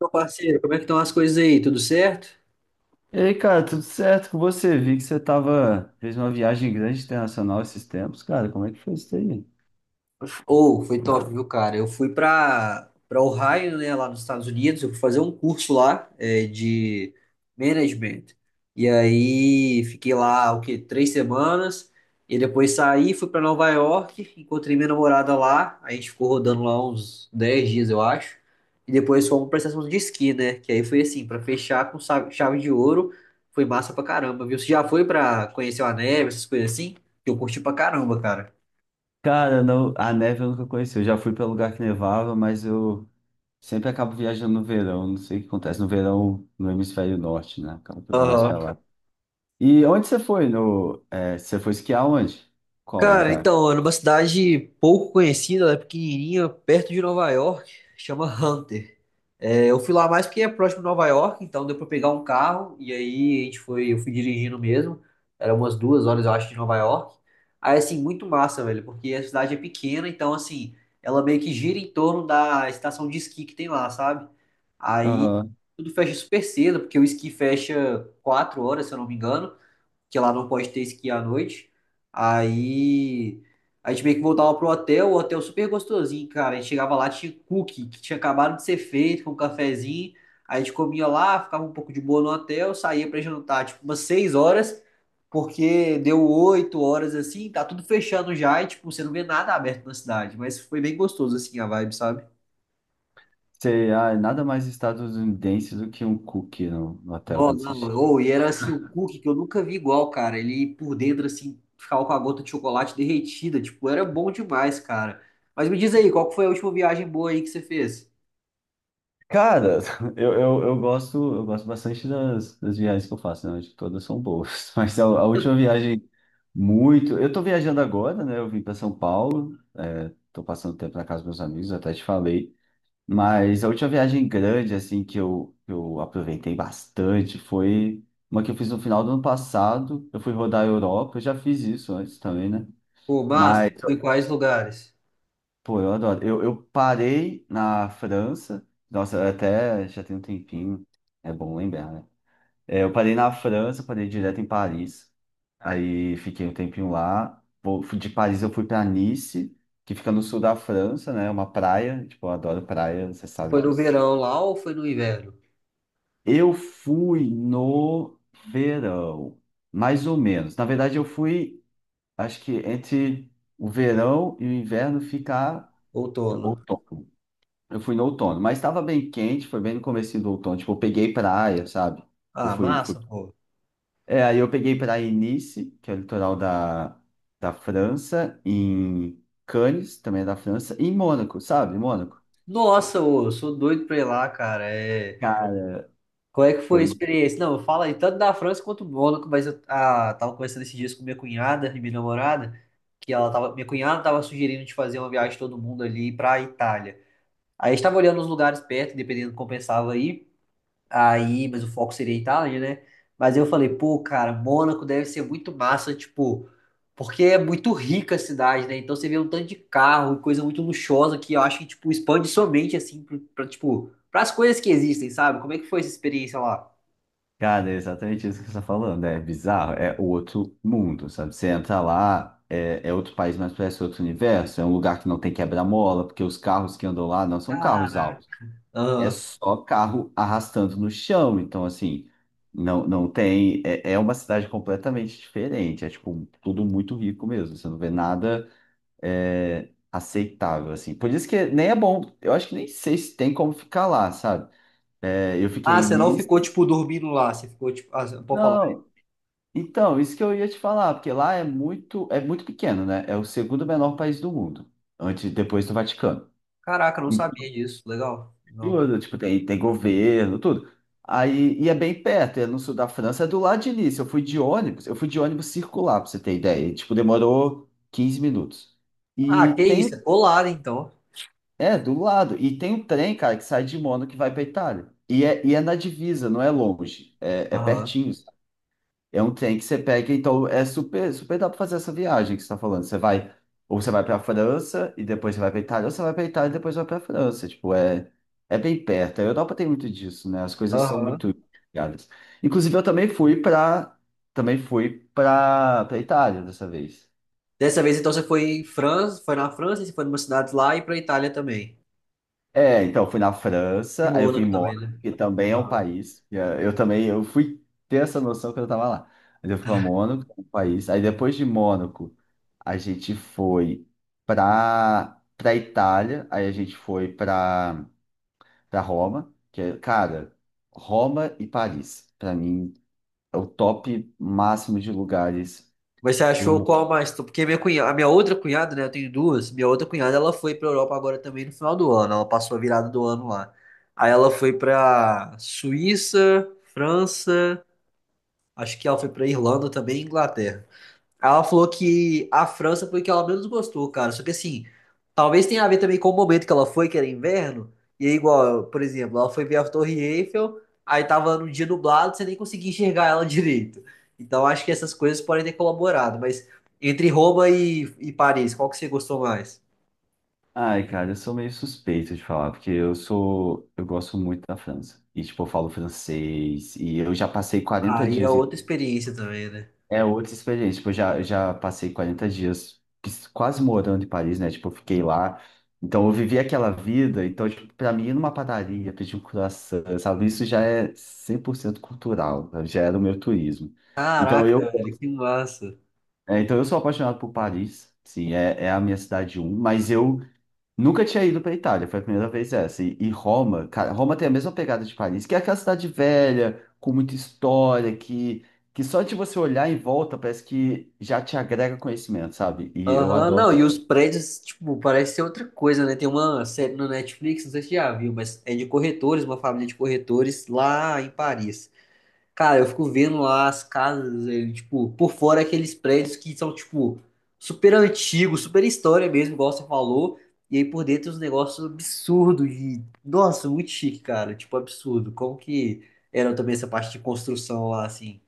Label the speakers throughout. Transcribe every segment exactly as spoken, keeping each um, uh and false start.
Speaker 1: Meu parceiro, como é que estão as coisas aí? Tudo certo?
Speaker 2: E aí, cara, tudo certo com você? Vi que você tava, fez uma viagem grande internacional esses tempos, cara. Como é que foi isso aí?
Speaker 1: Ou foi top, viu, cara? Eu fui para para Ohio, né, lá nos Estados Unidos, eu fui fazer um curso lá é, de management. E aí fiquei lá o quê? Três semanas. E depois saí, fui para Nova York, encontrei minha namorada lá. A gente ficou rodando lá uns dez dias, eu acho. E depois fomos para estação de esqui, né? Que aí foi assim, para fechar com sa- chave de ouro. Foi massa pra caramba, viu? Você já foi pra conhecer a neve, essas coisas assim? Eu curti pra caramba, cara.
Speaker 2: Cara, não, a neve eu nunca conheci. Eu já fui para lugar que nevava, mas eu sempre acabo viajando no verão. Não sei o que acontece no verão no hemisfério norte, né? Acaba que eu vou mais para lá.
Speaker 1: Aham.
Speaker 2: E onde você foi? No, é, Você foi esquiar onde? Qual
Speaker 1: Cara,
Speaker 2: lugar?
Speaker 1: então, é numa cidade pouco conhecida, ela é pequenininha, perto de Nova York, chama Hunter. É, eu fui lá mais porque é próximo de Nova York, então deu pra pegar um carro, e aí a gente foi, eu fui dirigindo mesmo, era umas duas horas, eu acho, de Nova York. Aí, assim, muito massa, velho, porque a cidade é pequena, então, assim, ela meio que gira em torno da estação de esqui que tem lá, sabe? Aí
Speaker 2: Aham.
Speaker 1: tudo fecha super cedo, porque o esqui fecha quatro horas, se eu não me engano, que lá não pode ter esqui à noite. Aí a gente meio que voltava pro hotel, o hotel super gostosinho, cara. A gente chegava lá, tinha cookie que tinha acabado de ser feito com um cafezinho. Aí a gente comia lá, ficava um pouco de boa no hotel, saía pra jantar tipo umas seis horas, porque deu oito horas assim, tá tudo fechando já e tipo, você não vê nada aberto na cidade, mas foi bem gostoso assim a vibe, sabe?
Speaker 2: Você, ah, nada mais estadunidense do que um cookie no, no hotel
Speaker 1: Não,
Speaker 2: quando você
Speaker 1: não. Ou, e era assim, o cookie que eu nunca vi igual, cara. Ele por dentro, assim, ficava com a gota de chocolate derretida. Tipo, era bom demais, cara. Mas me diz aí, qual que foi a última viagem boa aí que você fez?
Speaker 2: Cara, eu, eu, eu gosto eu gosto bastante das, das viagens que eu faço, né? Acho que todas são boas. Mas a, a última viagem, muito. Eu tô viajando agora, né? Eu vim para São Paulo, é, tô passando tempo na casa dos meus amigos, até te falei. Mas a última viagem grande, assim, que eu, que eu aproveitei bastante foi uma que eu fiz no final do ano passado. Eu fui rodar a Europa, eu já fiz isso antes também, né?
Speaker 1: Pô, massa,
Speaker 2: Mas
Speaker 1: foi em quais lugares?
Speaker 2: pô, eu adoro. Eu, eu parei na França, nossa, até já tem um tempinho, é bom lembrar, né? É, eu parei na França, parei direto em Paris, aí fiquei um tempinho lá. Pô, fui- De Paris eu fui pra Nice, que fica no sul da França, né? É uma praia, tipo, eu adoro praia, você
Speaker 1: Você
Speaker 2: sabe
Speaker 1: foi no
Speaker 2: disso.
Speaker 1: verão lá ou foi no inverno?
Speaker 2: Eu fui no verão, mais ou menos. Na verdade, eu fui, acho que entre o verão e o inverno ficar
Speaker 1: Outono.
Speaker 2: outono. Eu fui no outono, mas estava bem quente, foi bem no comecinho do outono. Tipo, eu peguei praia, sabe? Eu
Speaker 1: Ah,
Speaker 2: fui, fui...
Speaker 1: massa, pô.
Speaker 2: É, aí eu peguei praia em Nice, que é o litoral da, da França, em Cannes, também é da França, e em Mônaco, sabe? Mônaco.
Speaker 1: Nossa, ô, eu sou doido pra ir lá, cara. É.
Speaker 2: Cara,
Speaker 1: Qual é que foi a
Speaker 2: pois,
Speaker 1: experiência? Não, fala aí tanto da França quanto do Mônaco, mas eu ah, tava conversando esses dias com minha cunhada e minha namorada, que ela tava, minha cunhada tava sugerindo de fazer uma viagem todo mundo ali pra Itália. Aí a gente tava olhando os lugares perto, dependendo do que compensava aí, aí, mas o foco seria a Itália, né? Mas eu falei, pô, cara, Mônaco deve ser muito massa, tipo, porque é muito rica a cidade, né? Então você vê um tanto de carro, coisa muito luxuosa que eu acho que, tipo, expande somente assim, pra, pra, tipo, pras coisas que existem, sabe? Como é que foi essa experiência lá?
Speaker 2: cara, é exatamente isso que você está falando. É bizarro, é outro mundo, sabe? Você entra lá, é, é outro país, mas parece outro universo. É um lugar que não tem quebra-mola, porque os carros que andam lá não são carros altos.
Speaker 1: Caraca.
Speaker 2: É
Speaker 1: Aham.
Speaker 2: só carro arrastando no chão. Então, assim, não, não tem. É, é uma cidade completamente diferente. É, tipo, tudo muito rico mesmo. Você não vê nada é, aceitável, assim. Por isso que nem é bom. Eu acho que nem sei se tem como ficar lá, sabe? É, eu
Speaker 1: Ah,
Speaker 2: fiquei
Speaker 1: você não
Speaker 2: nisso.
Speaker 1: ficou, tipo, dormindo lá. Você ficou, tipo, ah, você- pode falar.
Speaker 2: Não. Então, isso que eu ia te falar, porque lá é muito, é muito pequeno, né? É o segundo menor país do mundo, antes, depois do Vaticano.
Speaker 1: Caraca, eu não sabia disso. Legal. Não.
Speaker 2: Tudo, tipo, tem, tem governo, tudo. Aí, e é bem perto, é no sul da França, é do lado de Nice. Eu fui de ônibus, eu fui de ônibus circular, pra você ter ideia. E, tipo, demorou quinze minutos.
Speaker 1: Ah, que
Speaker 2: E
Speaker 1: isso.
Speaker 2: tem,
Speaker 1: Você né, então.
Speaker 2: é, do lado. E tem um trem, cara, que sai de Mônaco que vai pra Itália. E é, e é na divisa, não é longe, é, é
Speaker 1: Aham.
Speaker 2: pertinho. É um trem que você pega, então é super, super dá para fazer essa viagem que você está falando. Você vai, ou você vai para a França e depois você vai para Itália, ou você vai para Itália e depois vai para a França. Tipo, é, é bem perto. A Europa tem muito disso, né? As coisas são
Speaker 1: Aham.
Speaker 2: muito ligadas. Inclusive, eu também fui para também fui para para Itália dessa vez.
Speaker 1: Dessa vez, então, você foi em França, foi na França, você foi numa cidade lá e pra Itália também.
Speaker 2: É, então, eu fui na
Speaker 1: E
Speaker 2: França, aí eu fui
Speaker 1: Mônaco
Speaker 2: em
Speaker 1: também,
Speaker 2: Mônaco,
Speaker 1: né?
Speaker 2: que também é um
Speaker 1: Aham.
Speaker 2: país. e, eh, Eu também, eu fui ter essa noção quando eu tava lá. Mas eu fui para Mônaco, que é um país. Aí depois de Mônaco, a gente foi pra, pra Itália, aí a gente foi pra, pra Roma, que é, cara, Roma e Paris, pra mim, é o top máximo de lugares
Speaker 1: Mas você
Speaker 2: do
Speaker 1: achou qual mais? Porque minha cunhada, a minha outra cunhada, né? Eu tenho duas. Minha outra cunhada, ela foi pra Europa agora também no final do ano. Ela passou a virada do ano lá. Aí ela foi pra Suíça, França. Acho que ela foi pra Irlanda também e Inglaterra. Ela falou que a França foi que ela menos gostou, cara. Só que assim, talvez tenha a ver também com o momento que ela foi, que era inverno. E aí, igual, por exemplo, ela foi ver a Torre Eiffel, aí tava num dia nublado, você nem conseguia enxergar ela direito. Então acho que essas coisas podem ter colaborado. Mas entre Roma e, e Paris, qual que você gostou mais?
Speaker 2: ai, cara, eu sou meio suspeito de falar, porque eu sou, eu gosto muito da França. E, tipo, eu falo francês, e eu já passei quarenta
Speaker 1: Aí é
Speaker 2: dias em...
Speaker 1: outra experiência também, né?
Speaker 2: É outra experiência, tipo, eu já, já passei quarenta dias quis- quase morando em Paris, né? Tipo, eu fiquei lá, então eu vivi aquela vida, então, tipo, pra mim, ir numa padaria, pedir um croissant, sabe? Isso já é cem por cento cultural, sabe? Já era o meu turismo. Então, eu,
Speaker 1: Caraca, velho, que massa.
Speaker 2: é, então eu sou apaixonado por Paris, sim, é, é a minha cidade um, mas eu... Nunca tinha ido pra Itália, foi a primeira vez essa. E, e Roma, cara, Roma tem a mesma pegada de Paris, que é aquela cidade velha, com muita história, que, que só de você olhar em volta parece que já te agrega conhecimento, sabe? E eu
Speaker 1: Aham, não,
Speaker 2: adoro
Speaker 1: e
Speaker 2: isso.
Speaker 1: os prédios, tipo, parece ser outra coisa, né? Tem uma série no Netflix, não sei se você já viu, mas é de corretores, uma família de corretores lá em Paris. Cara, eu fico vendo lá as casas, eh, tipo, por fora aqueles prédios que são, tipo, super antigos, super história mesmo, igual você falou, e aí por dentro os negócios absurdos e, nossa, muito chique, cara, tipo, absurdo. Como que era também essa parte de construção lá, assim?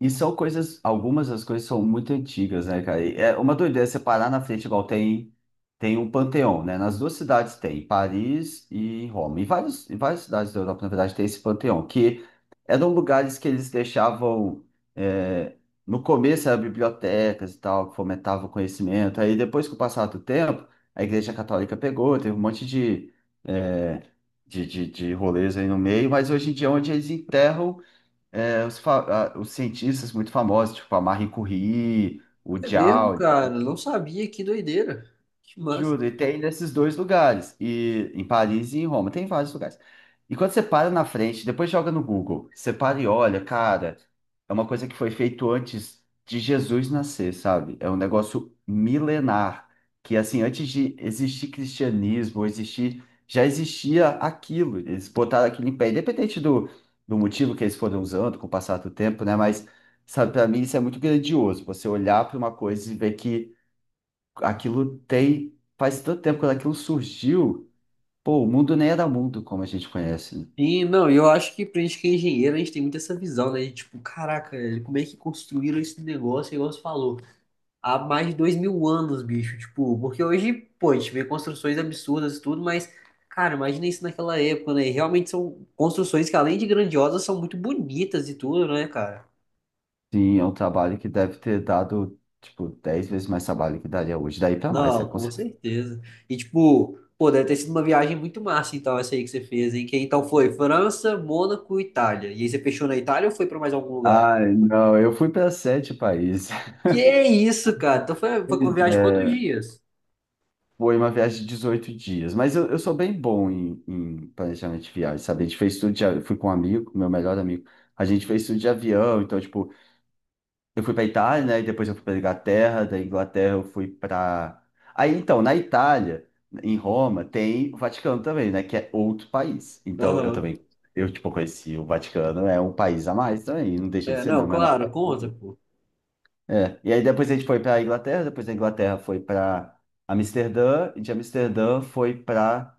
Speaker 2: E são coisas, algumas das coisas são muito antigas, né, cara? E é uma doideira você parar na frente, igual tem, tem, um panteão, né? Nas duas cidades tem, em Paris e em Roma. E vários, em várias cidades da Europa, na verdade, tem esse panteão, que eram lugares que eles deixavam. é, no começo eram bibliotecas e tal, que fomentavam o conhecimento. Aí depois, com o passar do tempo, a Igreja Católica pegou, teve um monte de, eh, de, de, de rolês aí no meio, mas hoje em dia é onde eles enterram é, os, fa- ah, os cientistas muito famosos, tipo a Marie Curie, o
Speaker 1: É mesmo,
Speaker 2: Joule.
Speaker 1: cara, não sabia, que doideira. Que massa.
Speaker 2: Juro, e tem nesses dois lugares, e em Paris e em Roma, tem vários lugares. E quando você para na frente, depois joga no Google, você para e olha, cara, é uma coisa que foi feito antes de Jesus nascer, sabe? É um negócio milenar, que assim, antes de existir cristianismo, existir, já existia aquilo, eles botaram aquilo em pé, independente do, do motivo que eles foram usando com o passar do tempo, né? Mas, sabe, para mim isso é muito grandioso, você olhar para uma coisa e ver que aquilo tem. Faz tanto tempo quando aquilo surgiu, pô, o mundo nem era mundo como a gente conhece, né?
Speaker 1: E não, eu acho que pra gente que é engenheiro, a gente tem muito essa visão, né? De, tipo, caraca, velho, como é que construíram esse negócio, igual você falou, há mais de dois mil anos, bicho. Tipo, porque hoje, pô, a gente vê construções absurdas e tudo, mas, cara, imagina isso naquela época, né? E realmente são construções que, além de grandiosas, são muito bonitas e tudo, né, cara?
Speaker 2: Sim, é um trabalho que deve ter dado, tipo, dez vezes mais trabalho que daria hoje, daí pra mais, né?
Speaker 1: Não,
Speaker 2: Com
Speaker 1: com
Speaker 2: certeza.
Speaker 1: certeza. E, tipo, pô, deve ter sido uma viagem muito massa, então, essa aí que você fez, hein? Que então foi França, Mônaco, Itália. E aí você fechou na Itália ou foi pra mais algum lugar?
Speaker 2: Ai, não, eu fui para sete países.
Speaker 1: Que isso, cara? Então foi, foi com
Speaker 2: Pois
Speaker 1: viagem quantos
Speaker 2: é,
Speaker 1: dias?
Speaker 2: foi uma viagem de dezoito dias, mas eu, eu sou bem bom em, em, planejamento de viagem, sabe? A gente fez tudo de, a- eu fui com um amigo, meu melhor amigo, a gente fez tudo de avião, então, tipo, eu fui pra Itália, né? E depois eu fui pra Inglaterra, da Inglaterra eu fui pra. Aí então, na Itália, em Roma, tem o Vaticano também, né? Que é outro país. Então eu
Speaker 1: Aham.
Speaker 2: também, eu tipo, conheci o Vaticano, é um país a mais também, não deixa de
Speaker 1: É,
Speaker 2: ser, não,
Speaker 1: não,
Speaker 2: mas não.
Speaker 1: claro, conta, pô.
Speaker 2: É. E aí depois a gente foi pra Inglaterra, depois da Inglaterra foi pra Amsterdã, e de Amsterdã foi pra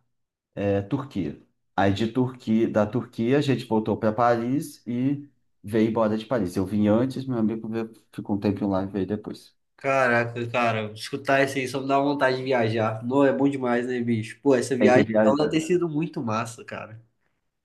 Speaker 2: é, Turquia. Aí de Turquia, da Turquia a gente voltou para Paris e veio embora de Paris. Eu vim antes, meu amigo veio- ficou um tempo lá e veio depois.
Speaker 1: Caraca, cara, escutar isso aí só me dá vontade de viajar. Não, é bom demais, né, bicho? Pô, essa
Speaker 2: Tem que
Speaker 1: viagem então deve
Speaker 2: viajar.
Speaker 1: ter sido muito massa, cara.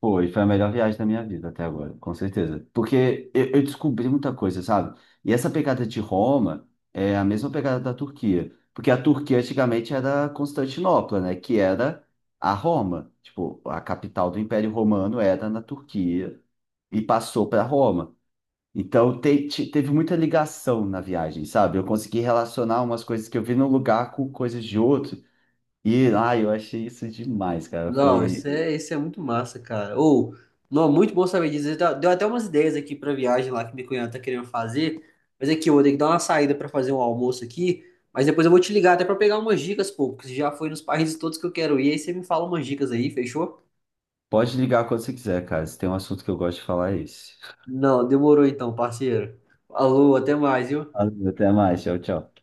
Speaker 2: Foi, foi a melhor viagem da minha vida até agora, com certeza. Porque eu, eu descobri muita coisa, sabe? E essa pegada de Roma é a mesma pegada da Turquia. Porque a Turquia antigamente era Constantinopla, né? Que era a Roma. Tipo, a capital do Império Romano era na Turquia e passou para Roma. Então te- te- teve muita ligação na viagem, sabe? Eu consegui relacionar umas coisas que eu vi num lugar com coisas de outro. E, ai, eu achei isso demais, cara.
Speaker 1: Não, isso
Speaker 2: Foi.
Speaker 1: é, isso é muito massa, cara. Ou, não, muito bom saber disso. Deu deu até umas ideias aqui pra viagem lá que minha cunhada tá querendo fazer. Mas aqui, eu vou ter que dar uma saída pra fazer um almoço aqui. Mas depois eu vou te ligar até pra pegar umas dicas, pô, porque você já foi nos países todos que eu quero ir. Aí você me fala umas dicas aí, fechou?
Speaker 2: Pode ligar quando você quiser, cara. Se tem um assunto que eu gosto de falar, é esse.
Speaker 1: Não, demorou então, parceiro. Alô, até mais, viu?
Speaker 2: Valeu, até mais, tchau, tchau.